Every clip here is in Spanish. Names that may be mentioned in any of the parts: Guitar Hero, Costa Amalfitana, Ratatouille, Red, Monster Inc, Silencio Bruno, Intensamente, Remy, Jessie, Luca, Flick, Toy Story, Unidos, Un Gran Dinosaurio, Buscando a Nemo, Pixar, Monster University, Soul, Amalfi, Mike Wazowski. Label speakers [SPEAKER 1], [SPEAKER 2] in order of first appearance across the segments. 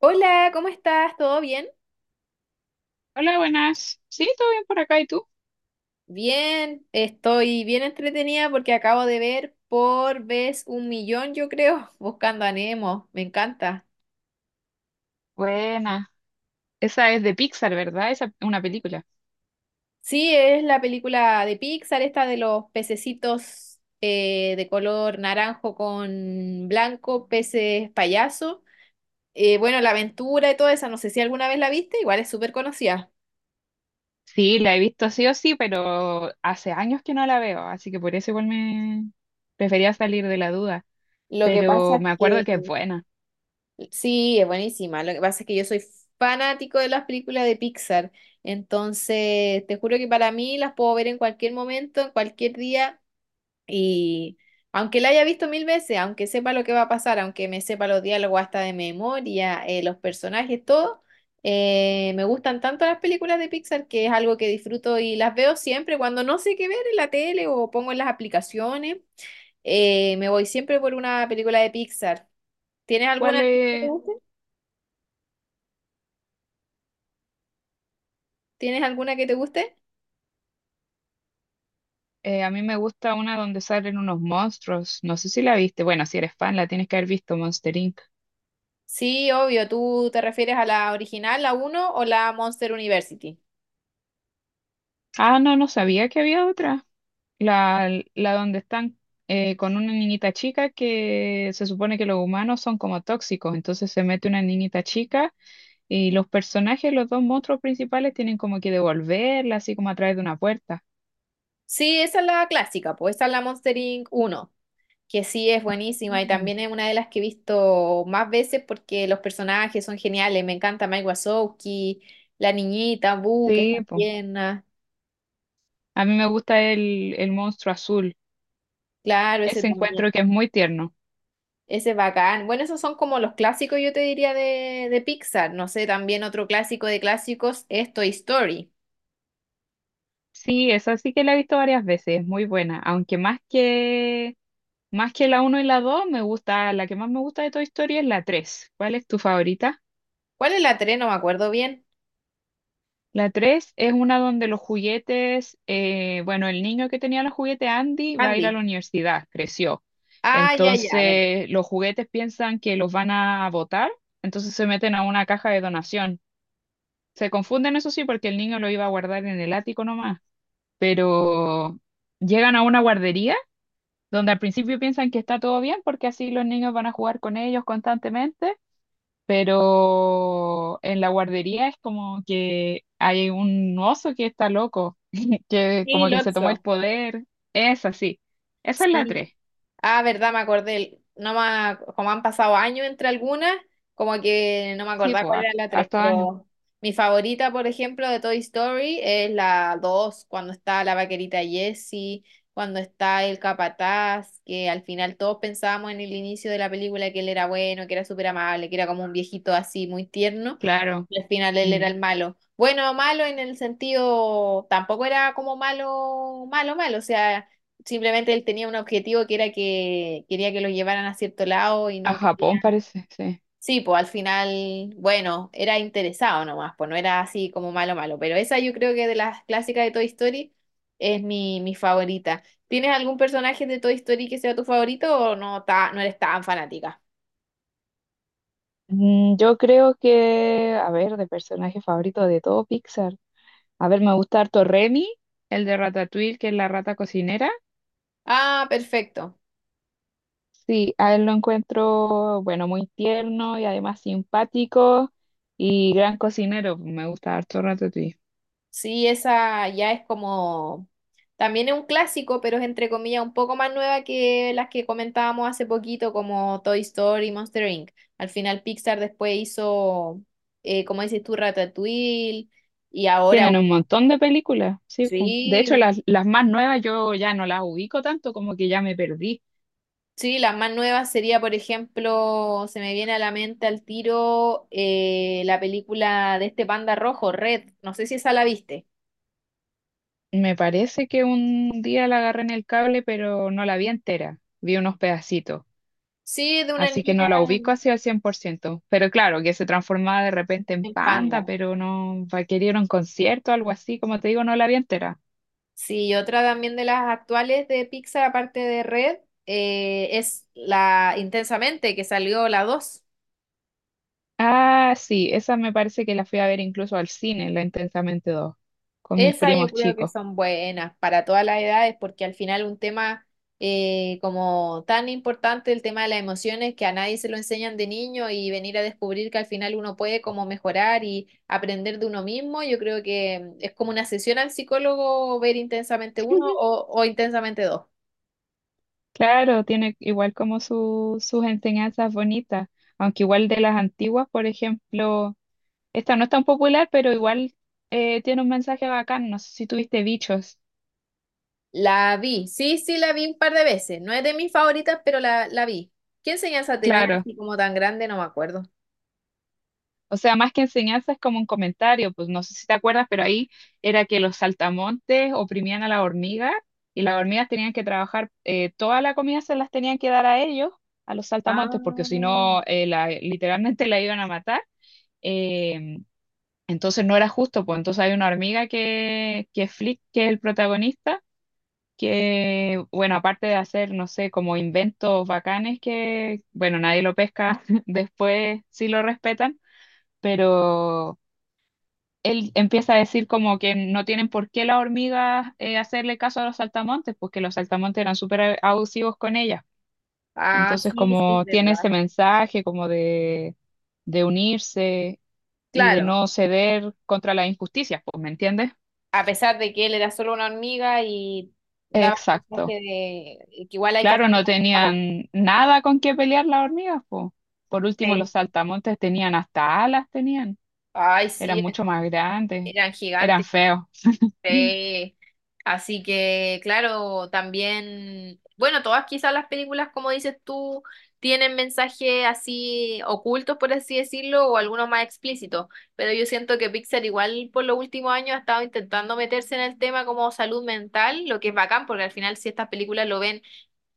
[SPEAKER 1] Hola, ¿cómo estás? ¿Todo bien?
[SPEAKER 2] Hola, buenas. Sí, todo bien por acá, ¿y tú?
[SPEAKER 1] Bien, estoy bien entretenida porque acabo de ver por vez un millón, yo creo, Buscando a Nemo. Me encanta.
[SPEAKER 2] Buena. Esa es de Pixar, ¿verdad? Esa es una película.
[SPEAKER 1] Sí, es la película de Pixar, esta de los pececitos de color naranjo con blanco, peces payaso. Bueno, la aventura y toda esa, no sé si alguna vez la viste, igual es súper conocida.
[SPEAKER 2] Sí, la he visto sí o sí, pero hace años que no la veo, así que por eso igual me prefería salir de la duda.
[SPEAKER 1] Lo que pasa
[SPEAKER 2] Pero
[SPEAKER 1] es
[SPEAKER 2] me acuerdo que es
[SPEAKER 1] que
[SPEAKER 2] buena.
[SPEAKER 1] Sí, es buenísima. Lo que pasa es que yo soy fanático de las películas de Pixar. Entonces, te juro que para mí las puedo ver en cualquier momento, en cualquier día. Y aunque la haya visto mil veces, aunque sepa lo que va a pasar, aunque me sepa los diálogos hasta de memoria, los personajes, todo, me gustan tanto las películas de Pixar que es algo que disfruto y las veo siempre cuando no sé qué ver en la tele o pongo en las aplicaciones. Me voy siempre por una película de Pixar. ¿Tienes
[SPEAKER 2] ¿Cuál
[SPEAKER 1] alguna que te
[SPEAKER 2] es?
[SPEAKER 1] guste? ¿Tienes alguna que te guste?
[SPEAKER 2] A mí me gusta una donde salen unos monstruos. No sé si la viste. Bueno, si eres fan, la tienes que haber visto, Monster Inc.
[SPEAKER 1] Sí, obvio. ¿Tú te refieres a la original, la uno o la Monster University?
[SPEAKER 2] Ah, no, no sabía que había otra. La donde están con una niñita chica que se supone que los humanos son como tóxicos, entonces se mete una niñita chica y los personajes, los dos monstruos principales tienen como que devolverla, así como a través de una puerta.
[SPEAKER 1] Sí, esa es la clásica, pues esa es la Monster Inc. Uno, que sí es buenísima y
[SPEAKER 2] Mm.
[SPEAKER 1] también es una de las que he visto más veces porque los personajes son geniales. Me encanta Mike Wazowski, la niñita, Boo, que
[SPEAKER 2] Sí,
[SPEAKER 1] está
[SPEAKER 2] po.
[SPEAKER 1] tierna.
[SPEAKER 2] A mí me gusta el monstruo azul,
[SPEAKER 1] Claro, ese
[SPEAKER 2] ese
[SPEAKER 1] también.
[SPEAKER 2] encuentro que es muy tierno.
[SPEAKER 1] Ese es bacán. Bueno, esos son como los clásicos, yo te diría, de Pixar. No sé, también otro clásico de clásicos es Toy Story.
[SPEAKER 2] Sí, esa sí que la he visto varias veces, es muy buena, aunque más que la uno y la 2 me gusta, la que más me gusta de Toy Story es la tres. ¿Cuál es tu favorita?
[SPEAKER 1] ¿Cuál es la 3? No me acuerdo bien.
[SPEAKER 2] La 3 es una donde los juguetes, bueno, el niño que tenía los juguetes Andy va a ir a la
[SPEAKER 1] Andy.
[SPEAKER 2] universidad, creció.
[SPEAKER 1] Ah, ya, ya, ver.
[SPEAKER 2] Entonces, los juguetes piensan que los van a botar, entonces se meten a una caja de donación. Se confunden, eso sí, porque el niño lo iba a guardar en el ático nomás, pero llegan a una guardería donde al principio piensan que está todo bien porque así los niños van a jugar con ellos constantemente, pero en la guardería es como que hay un oso que está loco, que
[SPEAKER 1] Sí,
[SPEAKER 2] como que se tomó el
[SPEAKER 1] Lotso.
[SPEAKER 2] poder. Es así. Esa es la
[SPEAKER 1] Sí.
[SPEAKER 2] tres.
[SPEAKER 1] Ah, verdad, me acordé. No me, ac- Como han pasado años entre algunas, como que no me
[SPEAKER 2] Sí,
[SPEAKER 1] acordaba cuál
[SPEAKER 2] pues,
[SPEAKER 1] era la 3,
[SPEAKER 2] harto años.
[SPEAKER 1] pero mi favorita, por ejemplo, de Toy Story es la 2 cuando está la vaquerita Jessie, cuando está el capataz, que al final todos pensábamos en el inicio de la película que él era bueno, que era súper amable, que era como un viejito así muy tierno.
[SPEAKER 2] Claro.
[SPEAKER 1] Y al final él era
[SPEAKER 2] Mm.
[SPEAKER 1] el malo. Bueno, malo en el sentido, tampoco era como malo, malo, malo. O sea, simplemente él tenía un objetivo que era que quería que lo llevaran a cierto lado y
[SPEAKER 2] A
[SPEAKER 1] no
[SPEAKER 2] Japón
[SPEAKER 1] quería.
[SPEAKER 2] parece, sí.
[SPEAKER 1] Sí, pues al final, bueno, era interesado nomás, pues no era así como malo, malo. Pero esa yo creo que de las clásicas de Toy Story es mi favorita. ¿Tienes algún personaje de Toy Story que sea tu favorito o no, no eres tan fanática?
[SPEAKER 2] Yo creo que, a ver, de personaje favorito de todo Pixar. A ver, me gusta harto Remy, el de Ratatouille, que es la rata cocinera.
[SPEAKER 1] Ah, perfecto.
[SPEAKER 2] Sí, a él lo encuentro, bueno, muy tierno y además simpático y gran cocinero. Me gusta harto Ratatouille.
[SPEAKER 1] Sí, esa ya es como, también es un clásico, pero es entre comillas un poco más nueva que las que comentábamos hace poquito, como Toy Story y Monster Inc. Al final Pixar después hizo, como dices tú, Ratatouille, y ahora,
[SPEAKER 2] Tienen un montón de películas, sí, po. De
[SPEAKER 1] sí,
[SPEAKER 2] hecho, las más nuevas yo ya no las ubico tanto, como que ya me perdí.
[SPEAKER 1] sí, las más nuevas sería, por ejemplo, se me viene a la mente al tiro la película de este panda rojo, Red, no sé si esa la viste.
[SPEAKER 2] Me parece que un día la agarré en el cable, pero no la vi entera. Vi unos pedacitos.
[SPEAKER 1] Sí, de una
[SPEAKER 2] Así que
[SPEAKER 1] niña
[SPEAKER 2] no la ubico así al 100%. Pero claro, que se transformaba de repente en
[SPEAKER 1] en
[SPEAKER 2] panda,
[SPEAKER 1] panda.
[SPEAKER 2] pero no, requerir un concierto, algo así. Como te digo, no la vi entera.
[SPEAKER 1] Sí, y otra también de las actuales de Pixar, aparte de Red, es la Intensamente, que salió la 2.
[SPEAKER 2] Ah, sí, esa me parece que la fui a ver incluso al cine, la Intensamente dos, con mis
[SPEAKER 1] Esa yo
[SPEAKER 2] primos
[SPEAKER 1] creo que
[SPEAKER 2] chicos.
[SPEAKER 1] son buenas para todas las edades, porque al final un tema como tan importante, el tema de las emociones, que a nadie se lo enseñan de niño y venir a descubrir que al final uno puede como mejorar y aprender de uno mismo, yo creo que mm, es como una sesión al psicólogo ver Intensamente uno o Intensamente 2.
[SPEAKER 2] Claro, tiene igual como sus enseñanzas bonitas, aunque igual de las antiguas, por ejemplo, esta no es tan popular, pero igual tiene un mensaje bacán, no sé si tuviste bichos,
[SPEAKER 1] La vi, sí, sí, la vi un par de veces. No es de mis favoritas, pero la vi. ¿Qué enseñanza tenía
[SPEAKER 2] claro.
[SPEAKER 1] así como tan grande? No me acuerdo.
[SPEAKER 2] O sea, más que enseñanza es como un comentario, pues no sé si te acuerdas, pero ahí era que los saltamontes oprimían a la hormiga y las hormigas tenían que trabajar, toda la comida se las tenían que dar a ellos, a los saltamontes, porque si
[SPEAKER 1] Ah,
[SPEAKER 2] no, literalmente la iban a matar. eh, entonces no era justo, pues entonces hay una hormiga que Flick, que es el protagonista, que, bueno, aparte de hacer, no sé, como inventos bacanes que, bueno, nadie lo pesca, después sí lo respetan, pero él empieza a decir como que no tienen por qué las hormigas hacerle caso a los saltamontes, porque los saltamontes eran súper abusivos con ellas.
[SPEAKER 1] ah,
[SPEAKER 2] Entonces,
[SPEAKER 1] sí, sí, es
[SPEAKER 2] como tiene ese
[SPEAKER 1] verdad.
[SPEAKER 2] mensaje como de unirse y de
[SPEAKER 1] Claro,
[SPEAKER 2] no ceder contra las injusticias, pues, ¿me entiendes?
[SPEAKER 1] a pesar de que él era solo una hormiga y daba un mensaje
[SPEAKER 2] Exacto.
[SPEAKER 1] de que igual hay que
[SPEAKER 2] Claro,
[SPEAKER 1] hacer
[SPEAKER 2] no
[SPEAKER 1] la voz.
[SPEAKER 2] tenían nada con qué pelear las hormigas, pues. Por último,
[SPEAKER 1] Sí.
[SPEAKER 2] los saltamontes tenían hasta alas, tenían.
[SPEAKER 1] Ay, sí,
[SPEAKER 2] Eran
[SPEAKER 1] eran,
[SPEAKER 2] mucho más grandes,
[SPEAKER 1] eran
[SPEAKER 2] eran
[SPEAKER 1] gigantes.
[SPEAKER 2] feos.
[SPEAKER 1] Sí. Así que, claro, también, bueno, todas quizás las películas, como dices tú, tienen mensajes así ocultos, por así decirlo, o algunos más explícitos, pero yo siento que Pixar igual por los últimos años ha estado intentando meterse en el tema como salud mental, lo que es bacán, porque al final si estas películas lo ven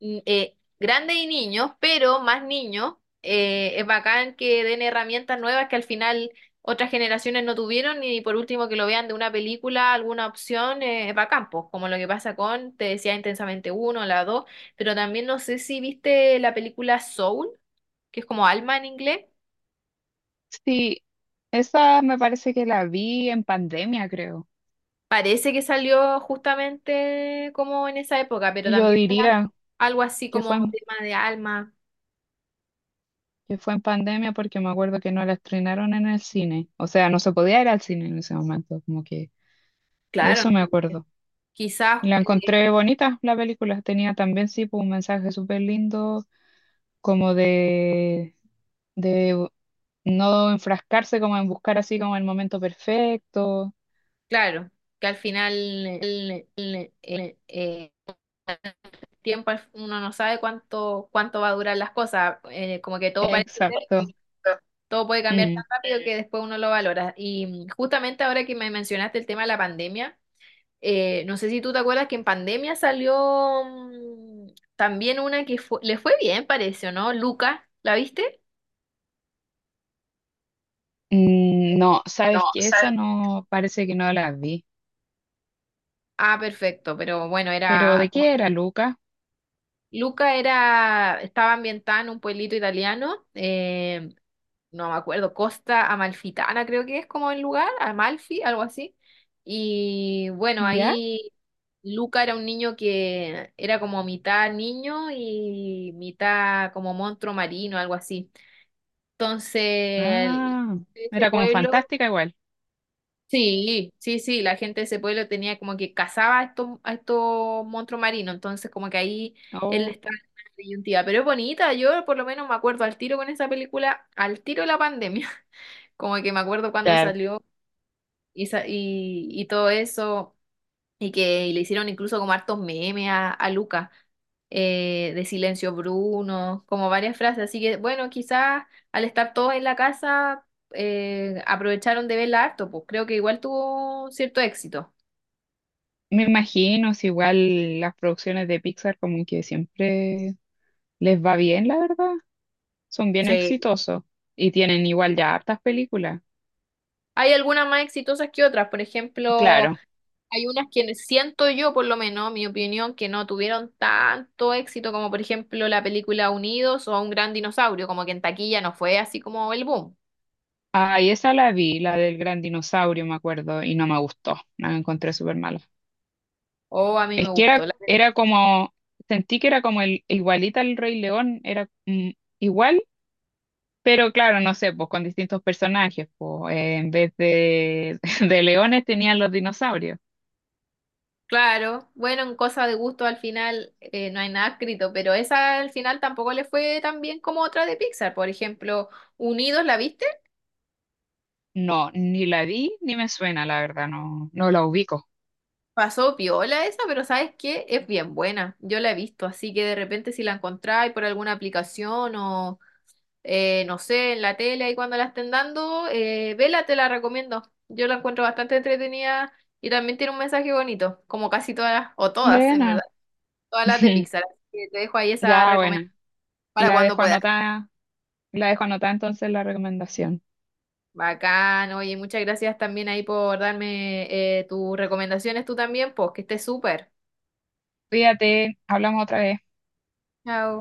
[SPEAKER 1] grandes y niños, pero más niños, es bacán que den herramientas nuevas que al final otras generaciones no tuvieron y por último que lo vean de una película, alguna opción, es bacán, pues, como lo que pasa con, te decía intensamente uno, la dos, pero también no sé si viste la película Soul, que es como alma en inglés.
[SPEAKER 2] Sí, esa me parece que la vi en pandemia, creo.
[SPEAKER 1] Parece que salió justamente como en esa época, pero
[SPEAKER 2] Yo
[SPEAKER 1] también era
[SPEAKER 2] diría
[SPEAKER 1] algo así
[SPEAKER 2] que
[SPEAKER 1] como
[SPEAKER 2] fue en,
[SPEAKER 1] tema de alma.
[SPEAKER 2] que fue en pandemia porque me acuerdo que no la estrenaron en el cine. O sea, no se podía ir al cine en ese momento, como que de
[SPEAKER 1] Claro,
[SPEAKER 2] eso me acuerdo.
[SPEAKER 1] quizás
[SPEAKER 2] Y la encontré bonita la película, tenía también sí pues, un mensaje súper lindo, como de no enfrascarse, como en buscar así como el momento perfecto.
[SPEAKER 1] claro, que al final el tiempo uno no sabe cuánto cuánto va a durar las cosas, como que todo parece eterno,
[SPEAKER 2] Exacto.
[SPEAKER 1] pero todo puede cambiar
[SPEAKER 2] Mm.
[SPEAKER 1] tan rápido que después uno lo valora. Y mm, justamente ahora que me mencionaste el tema de la pandemia, no sé si tú te acuerdas que en pandemia salió mm, también una que le fue bien, parece, ¿o no? Luca, ¿la viste?
[SPEAKER 2] No,
[SPEAKER 1] No,
[SPEAKER 2] ¿sabes qué? Esa
[SPEAKER 1] ¿sabes?
[SPEAKER 2] no, parece que no la vi.
[SPEAKER 1] Ah, perfecto, pero bueno,
[SPEAKER 2] ¿Pero
[SPEAKER 1] era
[SPEAKER 2] de
[SPEAKER 1] como
[SPEAKER 2] qué era, Luca?
[SPEAKER 1] Luca era, estaba ambientada en un pueblito italiano, no me acuerdo, Costa Amalfitana creo que es como el lugar, Amalfi, algo así. Y bueno,
[SPEAKER 2] ¿Ya?
[SPEAKER 1] ahí Luca era un niño que era como mitad niño y mitad como monstruo marino, algo así. Entonces,
[SPEAKER 2] Ah,
[SPEAKER 1] ese
[SPEAKER 2] era como
[SPEAKER 1] pueblo
[SPEAKER 2] fantástica igual.
[SPEAKER 1] sí, sí, sí, la gente de ese pueblo tenía como que cazaba a estos monstruos marinos, entonces como que ahí él
[SPEAKER 2] Oh,
[SPEAKER 1] estaba en una disyuntiva, pero es bonita, yo por lo menos me acuerdo al tiro con esa película, al tiro de la pandemia, como que me acuerdo cuando
[SPEAKER 2] claro.
[SPEAKER 1] salió y todo eso, y que y le hicieron incluso como hartos memes a Luca, de Silencio Bruno, como varias frases. Así que bueno, quizás al estar todos en la casa aprovecharon de verla harto, pues creo que igual tuvo cierto éxito.
[SPEAKER 2] Me imagino, si igual las producciones de Pixar como que siempre les va bien, la verdad. Son bien
[SPEAKER 1] Sí.
[SPEAKER 2] exitosos y tienen igual ya hartas películas.
[SPEAKER 1] Hay algunas más exitosas que otras, por ejemplo,
[SPEAKER 2] Claro.
[SPEAKER 1] hay unas que siento yo, por lo menos, mi opinión, que no tuvieron tanto éxito como por ejemplo la película Unidos o Un Gran Dinosaurio, como que en taquilla no fue así como el boom.
[SPEAKER 2] Ah, y esa la vi, la del gran dinosaurio, me acuerdo, y no me gustó. La encontré súper mala.
[SPEAKER 1] O a mí me
[SPEAKER 2] Es que
[SPEAKER 1] gustó.
[SPEAKER 2] era como, sentí que era como el, igualita al Rey León, era igual. Pero claro, no sé, pues con distintos personajes, pues en vez de, de leones tenían los dinosaurios.
[SPEAKER 1] Claro, bueno, en cosa de gusto al final no hay nada escrito, pero esa al final tampoco le fue tan bien como otra de Pixar. Por ejemplo, Unidos, ¿la viste?
[SPEAKER 2] No, ni la vi ni me suena, la verdad, no, no la ubico.
[SPEAKER 1] Pasó piola esa, pero ¿sabes qué? Es bien buena. Yo la he visto, así que de repente si la encontráis por alguna aplicación o no sé, en la tele ahí cuando la estén dando, vela, te la recomiendo. Yo la encuentro bastante entretenida y también tiene un mensaje bonito, como casi todas, o todas, en verdad,
[SPEAKER 2] Buena,
[SPEAKER 1] todas las de Pixar. Así que te dejo ahí esa
[SPEAKER 2] ya buena.
[SPEAKER 1] recomendación para
[SPEAKER 2] La
[SPEAKER 1] cuando
[SPEAKER 2] dejo
[SPEAKER 1] puedas.
[SPEAKER 2] anotada, la dejo anotada entonces la recomendación.
[SPEAKER 1] Bacán, oye, muchas gracias también ahí por darme tus recomendaciones tú también, pues que estés súper.
[SPEAKER 2] Cuídate, hablamos otra vez.
[SPEAKER 1] Chao.